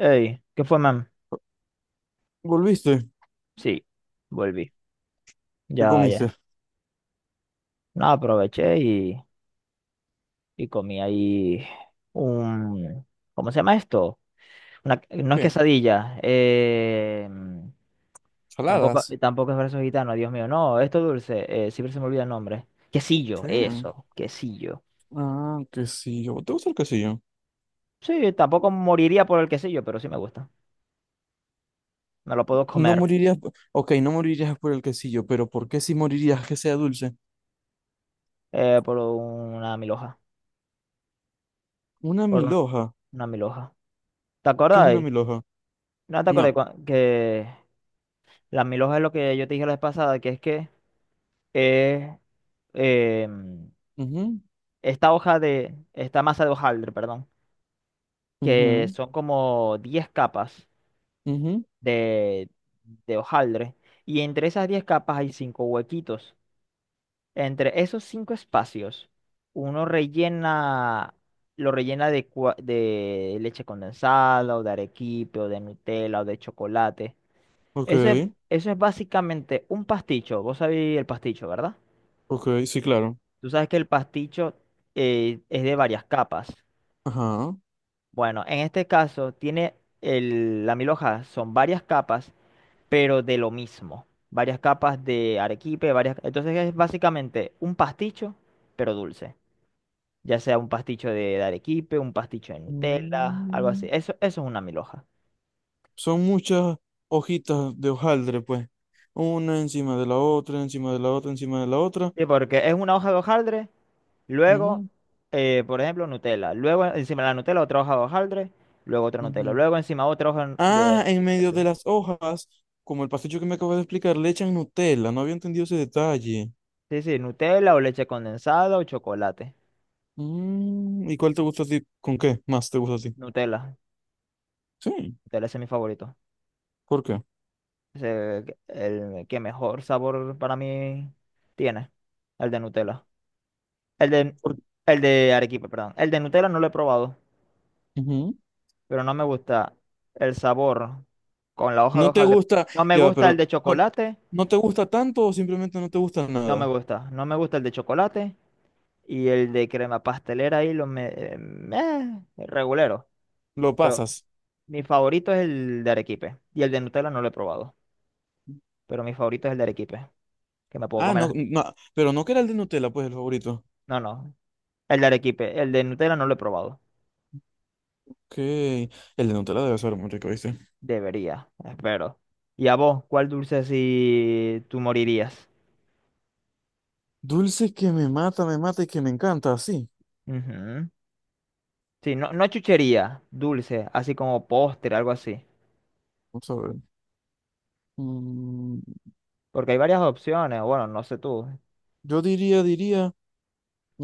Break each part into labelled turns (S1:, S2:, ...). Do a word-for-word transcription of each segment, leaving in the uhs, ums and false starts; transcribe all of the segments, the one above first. S1: Ey, ¿qué fue, man?
S2: ¿Volviste?
S1: Sí, volví.
S2: ¿Qué
S1: Ya,
S2: comiste?
S1: ya. No, aproveché y, y comí ahí un... ¿Cómo se llama esto? Una, no es
S2: ¿Qué?
S1: quesadilla. Eh, tampoco,
S2: ¿Saladas?
S1: tampoco es verso gitano, Dios mío. No, esto dulce. Eh, siempre se me olvida el nombre. Quesillo,
S2: ¿Qué?
S1: eso. Quesillo.
S2: Ah, quesillo. ¿Te gusta el quesillo?
S1: Sí, tampoco moriría por el quesillo, pero sí me gusta. Me lo puedo
S2: No
S1: comer
S2: morirías, p- ok, no morirías por el quesillo, pero ¿por qué si morirías que sea dulce?
S1: eh, por una milhoja.
S2: Una
S1: Por un-
S2: milhoja.
S1: una milhoja. ¿Te
S2: ¿Qué es una
S1: acordáis?
S2: milhoja?
S1: No te acordé
S2: No.
S1: que... Las mil hojas es lo que yo te dije la vez pasada, que es que es em,
S2: Mhm.
S1: esta hoja de, esta masa de hojaldre, perdón, que
S2: Mhm.
S1: son como diez capas
S2: Mhm.
S1: de, de hojaldre, y entre esas diez capas hay cinco huequitos. Entre esos cinco espacios, uno rellena, lo rellena de, cua- de leche condensada, o de arequipe, o de Nutella, o de chocolate.
S2: Ok,
S1: Eso es, eso es básicamente un pasticho. Vos sabéis el pasticho, ¿verdad?
S2: ok, sí, claro.
S1: Tú sabes que el pasticho eh, es de varias capas.
S2: Ajá.
S1: Bueno, en este caso tiene el, la milhoja, son varias capas, pero de lo mismo. Varias capas de arequipe, varias... Entonces es básicamente un pasticho, pero dulce. Ya sea un pasticho de, de arequipe, un pasticho de Nutella, algo así.
S2: Mm,
S1: Eso, eso es una milhoja.
S2: son muchas hojitas de hojaldre, pues. Una encima de la otra, encima de la otra, encima de la otra.
S1: Sí, porque es una hoja de hojaldre, luego, eh, por ejemplo, Nutella. Luego encima de la Nutella otra hoja de hojaldre, luego otra Nutella.
S2: Mhm.
S1: Luego encima otra hoja
S2: Ah,
S1: de...
S2: en medio de las hojas, como el pasticho que me acabas de explicar, le echan Nutella. No había entendido ese detalle.
S1: Sí, sí, Nutella o leche condensada o chocolate.
S2: Mm, ¿y cuál te gusta a ti? ¿Con qué más te gusta a ti?
S1: Nutella.
S2: Sí,
S1: Nutella ese es mi favorito.
S2: ¿por qué?
S1: Es el, el que mejor sabor para mí tiene. El de Nutella. El de,
S2: Por-
S1: el de Arequipa, perdón. El de Nutella no lo he probado,
S2: Ujú.
S1: pero no me gusta el sabor con la hoja de
S2: No te
S1: hojaldre.
S2: gusta,
S1: No me
S2: ya, va,
S1: gusta el
S2: pero
S1: de
S2: no,
S1: chocolate.
S2: no te gusta tanto o simplemente no te gusta
S1: No me
S2: nada.
S1: gusta. No me gusta el de chocolate. Y el de crema pastelera ahí lo me... eh, meh, regulero.
S2: Lo
S1: Pero
S2: pasas.
S1: mi favorito es el de Arequipe. Y el de Nutella no lo he probado. Pero mi favorito es el de Arequipe, que me puedo
S2: Ah,
S1: comer.
S2: no,
S1: hasta-
S2: no, pero no que era el de Nutella, pues el favorito.
S1: No, no, el de Arequipe, el de Nutella no lo he probado.
S2: Ok, el de Nutella debe ser muy rico, ¿viste?
S1: Debería, espero. ¿Y a vos, cuál dulce si tú morirías?
S2: Dulce que me mata, me mata y que me encanta, sí.
S1: Ujú. Sí, no, no chuchería, dulce, así como postre, algo así.
S2: Vamos a ver. Mm,
S1: Porque hay varias opciones, bueno, no sé tú.
S2: yo diría, diría.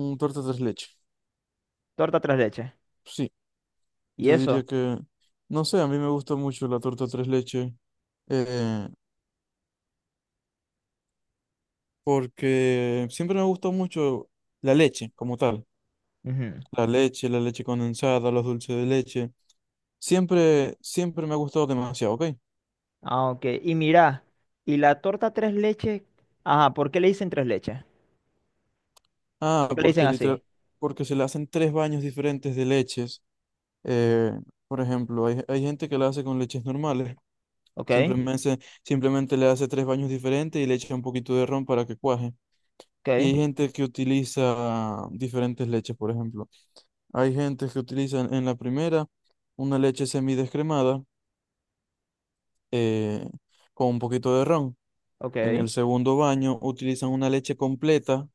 S2: Un torta tres leches.
S1: Torta tres leches.
S2: Sí,
S1: ¿Y
S2: yo diría
S1: eso?
S2: que, no sé, a mí me gusta mucho la torta tres leches, eh, porque siempre me gustó mucho la leche como tal.
S1: Ujú.
S2: La leche, la leche condensada, los dulces de leche. Siempre, siempre me ha gustado demasiado, ¿ok?
S1: Ah, ok. Y mira, ¿y la torta tres leches? Ajá, ¿por qué le dicen tres leches?
S2: Ah,
S1: ¿Por qué le dicen
S2: porque
S1: así?
S2: literal, porque se le hacen tres baños diferentes de leches. Eh, por ejemplo, hay, hay gente que la hace con leches normales.
S1: Ok,
S2: Simplemente, simplemente le hace tres baños diferentes y le echa un poquito de ron para que cuaje. Y hay
S1: ok,
S2: gente que utiliza diferentes leches, por ejemplo. Hay gente que utiliza en en la primera una leche semidescremada, eh, con un poquito de ron. En
S1: ok,
S2: el segundo baño utilizan una leche completa,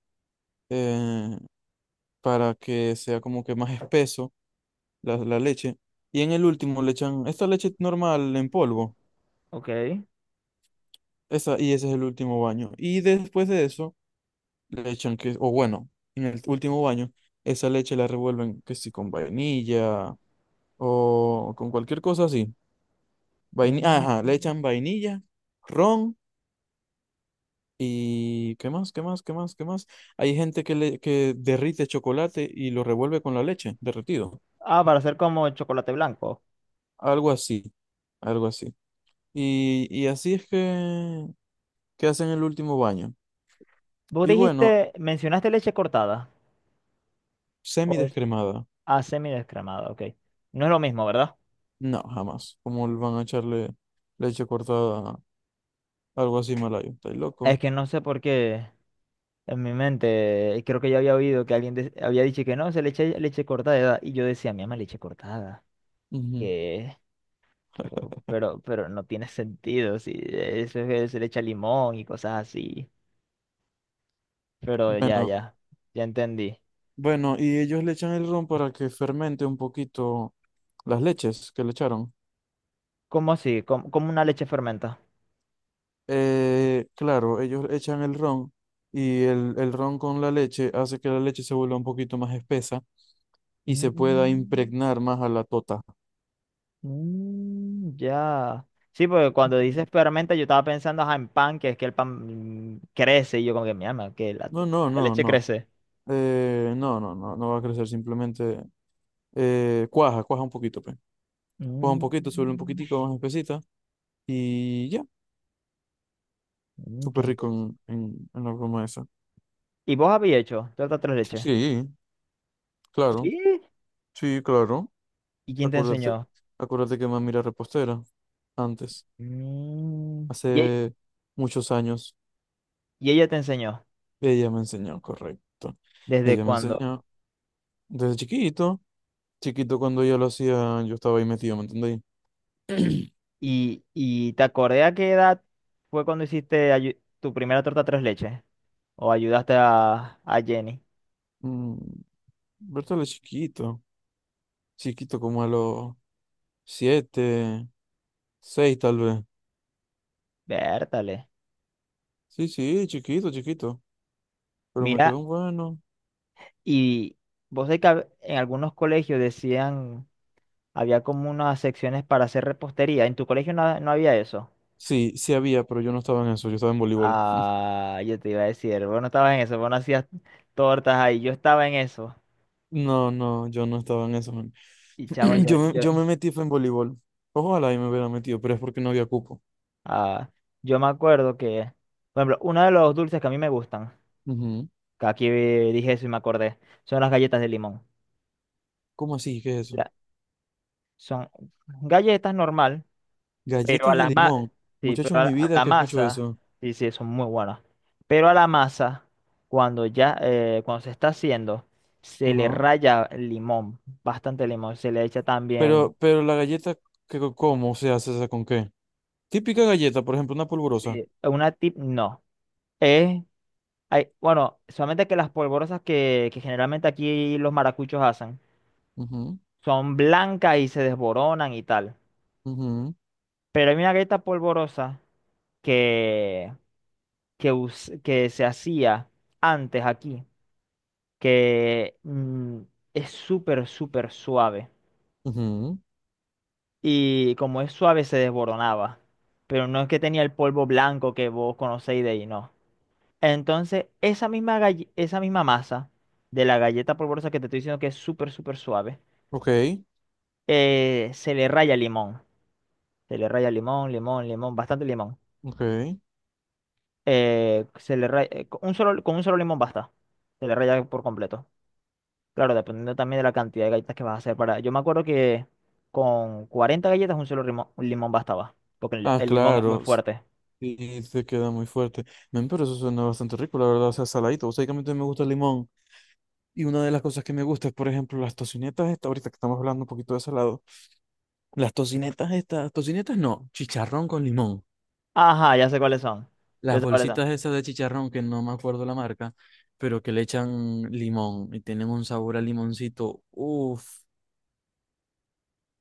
S2: eh, para que sea como que más espeso la, la leche. Y en el último le echan esta leche normal en polvo.
S1: ok.
S2: Esa, y ese es el último baño. Y después de eso le echan que, o bueno, en el último baño, esa leche la revuelven que si con vainilla o con cualquier cosa así. Vainilla, ajá, le
S1: Mm.
S2: echan vainilla, ron y ¿qué más? ¿Qué más? ¿Qué más? ¿Qué más? Hay gente que le que derrite chocolate y lo revuelve con la leche, derretido.
S1: Ah, para hacer como el chocolate blanco.
S2: Algo así, algo así. Y, y así es que, que hacen el último baño.
S1: Vos
S2: Y bueno,
S1: dijiste, mencionaste leche cortada.
S2: semi
S1: O es
S2: descremada.
S1: ah, semidescremada, ok. No es lo mismo, ¿verdad?
S2: No, jamás. ¿Cómo le van a echarle leche cortada? Algo así malayo. ¿Estáis
S1: Es
S2: loco?
S1: que no sé por qué en mi mente, eh, creo que yo había oído que alguien de- había dicho que no, se le echa leche cortada. Y yo decía, mi ama, leche cortada.
S2: Ujú.
S1: Que Pero, pero, pero no tiene sentido. Si eso es que se le echa limón y cosas así. Pero ya,
S2: Bueno,
S1: ya, ya entendí.
S2: bueno, y ellos le echan el ron para que fermente un poquito las leches que le echaron.
S1: ¿Cómo así? ¿Cómo, cómo una leche fermenta?
S2: Eh, claro, ellos echan el ron y el, el ron con la leche hace que la leche se vuelva un poquito más espesa y se pueda
S1: Mm.
S2: impregnar más a la tota.
S1: Mm, ya. Sí, porque cuando dices fermenta, yo estaba pensando ajá, en pan, que es que el pan mm, crece, y yo como que mi alma, que la,
S2: No, no,
S1: la
S2: no,
S1: leche
S2: no.
S1: crece.
S2: Eh, no, no, no, no va a crecer, simplemente eh, cuaja, cuaja un poquito, pues. Cuaja un poquito, se vuelve un
S1: Mm,
S2: poquitico más espesita y ya,
S1: mm, qué
S2: súper rico
S1: interesante.
S2: en, en, en la broma esa.
S1: ¿Y vos habías hecho torta tres leches?
S2: Sí, claro,
S1: Sí.
S2: sí, claro.
S1: ¿Y quién te
S2: Acuérdate,
S1: enseñó?
S2: acuérdate que mami era repostera antes.
S1: Mm, ¿Y, e-
S2: Hace muchos años
S1: y ella te enseñó?
S2: ella me enseñó, correcto.
S1: ¿Desde
S2: Ella me
S1: cuándo?
S2: enseñó desde chiquito. Chiquito cuando ella lo hacía, yo estaba ahí metido, ¿me entendéis?
S1: ¿Y, y te acordé a qué edad fue cuando hiciste ayu- tu primera torta tres leches? ¿O ayudaste a, a Jenny?
S2: Mm, Bertale chiquito. Chiquito como a los siete, seis tal vez.
S1: Vértale.
S2: Sí, sí, chiquito, chiquito. Pero me
S1: Mira.
S2: quedó un bueno.
S1: Y vos sabés que hab- en algunos colegios decían, había como unas secciones para hacer repostería. En tu colegio no, no había eso.
S2: Sí, sí había, pero yo no estaba en eso, yo estaba en voleibol.
S1: Ah, yo te iba a decir, vos no estabas en eso, vos no hacías tortas ahí, yo estaba en eso.
S2: No, no, yo no estaba en eso, man.
S1: Y chamo, yo,
S2: Yo me,
S1: yo,
S2: yo me metí fue en voleibol. Ojalá y me hubiera metido, pero es porque no había cupo.
S1: ah, yo me acuerdo que, por ejemplo, uno de los dulces que a mí me gustan,
S2: Ujú.
S1: que aquí dije eso y me acordé, son las galletas de limón.
S2: ¿Cómo así? ¿Qué es eso?
S1: La- Son galletas normal. Pero a
S2: Galletas de
S1: la ma-
S2: limón.
S1: sí,
S2: Muchachos,
S1: pero
S2: en
S1: a la,
S2: mi
S1: a
S2: vida
S1: la
S2: que escucho
S1: masa,
S2: eso.
S1: sí, sí, son muy buenas. Pero a la masa, cuando ya, eh, cuando se está haciendo, se le
S2: Ajá.
S1: raya limón, bastante limón, se le echa también,
S2: Pero, pero la galleta, ¿qué, ¿cómo se hace esa con qué? Típica galleta, por ejemplo, una polvorosa.
S1: sí, una tip, no. Es hay- bueno, solamente que las polvorosas que, que generalmente aquí los maracuchos hacen,
S2: Ujú,
S1: son blancas y se desboronan y tal.
S2: ujú,
S1: Pero hay una galleta polvorosa que, que, us- que se hacía antes aquí. Que mm, es súper, súper suave.
S2: ujú.
S1: Y como es suave, se desboronaba. Pero no es que tenía el polvo blanco que vos conocéis de ahí, no. Entonces, esa misma, galle- esa misma masa de la galleta polvorosa que te estoy diciendo que es súper, súper suave,
S2: Ok,
S1: eh, se le raya limón. Se le raya limón, limón, limón, bastante limón.
S2: ok.
S1: Eh, se le raya, eh, con un solo, con un solo limón basta. Se le raya por completo. Claro, dependiendo también de la cantidad de galletas que vas a hacer para... Yo me acuerdo que con cuarenta galletas un solo limón, un limón bastaba, porque el,
S2: Ah,
S1: el limón es muy
S2: claro.
S1: fuerte.
S2: Sí, se queda muy fuerte. Men, pero eso suena bastante rico, la verdad. O sea, saladito. O sea, que a mí también me gusta el limón. Y una de las cosas que me gusta es, por ejemplo, las tocinetas estas, ahorita que estamos hablando un poquito de salado. Las tocinetas estas, tocinetas no, chicharrón con limón.
S1: Ajá, ya sé cuáles son. Ya
S2: Las
S1: sé cuáles son.
S2: bolsitas esas de chicharrón, que no me acuerdo la marca, pero que le echan limón y tienen un sabor a limoncito. Uf,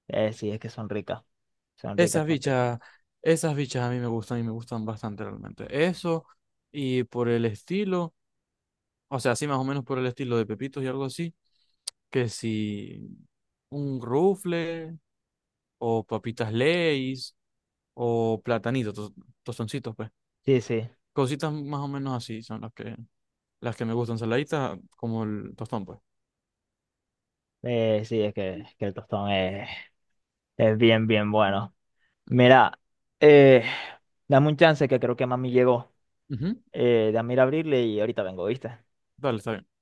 S1: Eh, sí, es que son ricas. Son ricas,
S2: esas
S1: son ricas.
S2: bichas, esas bichas a mí me gustan y me gustan bastante realmente. Eso y por el estilo, o sea, sí, más o menos por el estilo de pepitos y algo así, que si un rufle o papitas Lay's o platanitos, tos- tostoncitos, pues.
S1: Sí, sí.
S2: Cositas más o menos así son las que, las que me gustan, saladitas como el tostón, pues.
S1: Eh, sí, es que, es que el tostón es, es bien, bien bueno. Mira, eh, dame un chance que creo que mami llegó.
S2: Ujú.
S1: Eh, dame ir a abrirle y ahorita vengo, ¿viste?
S2: Dale, está bien.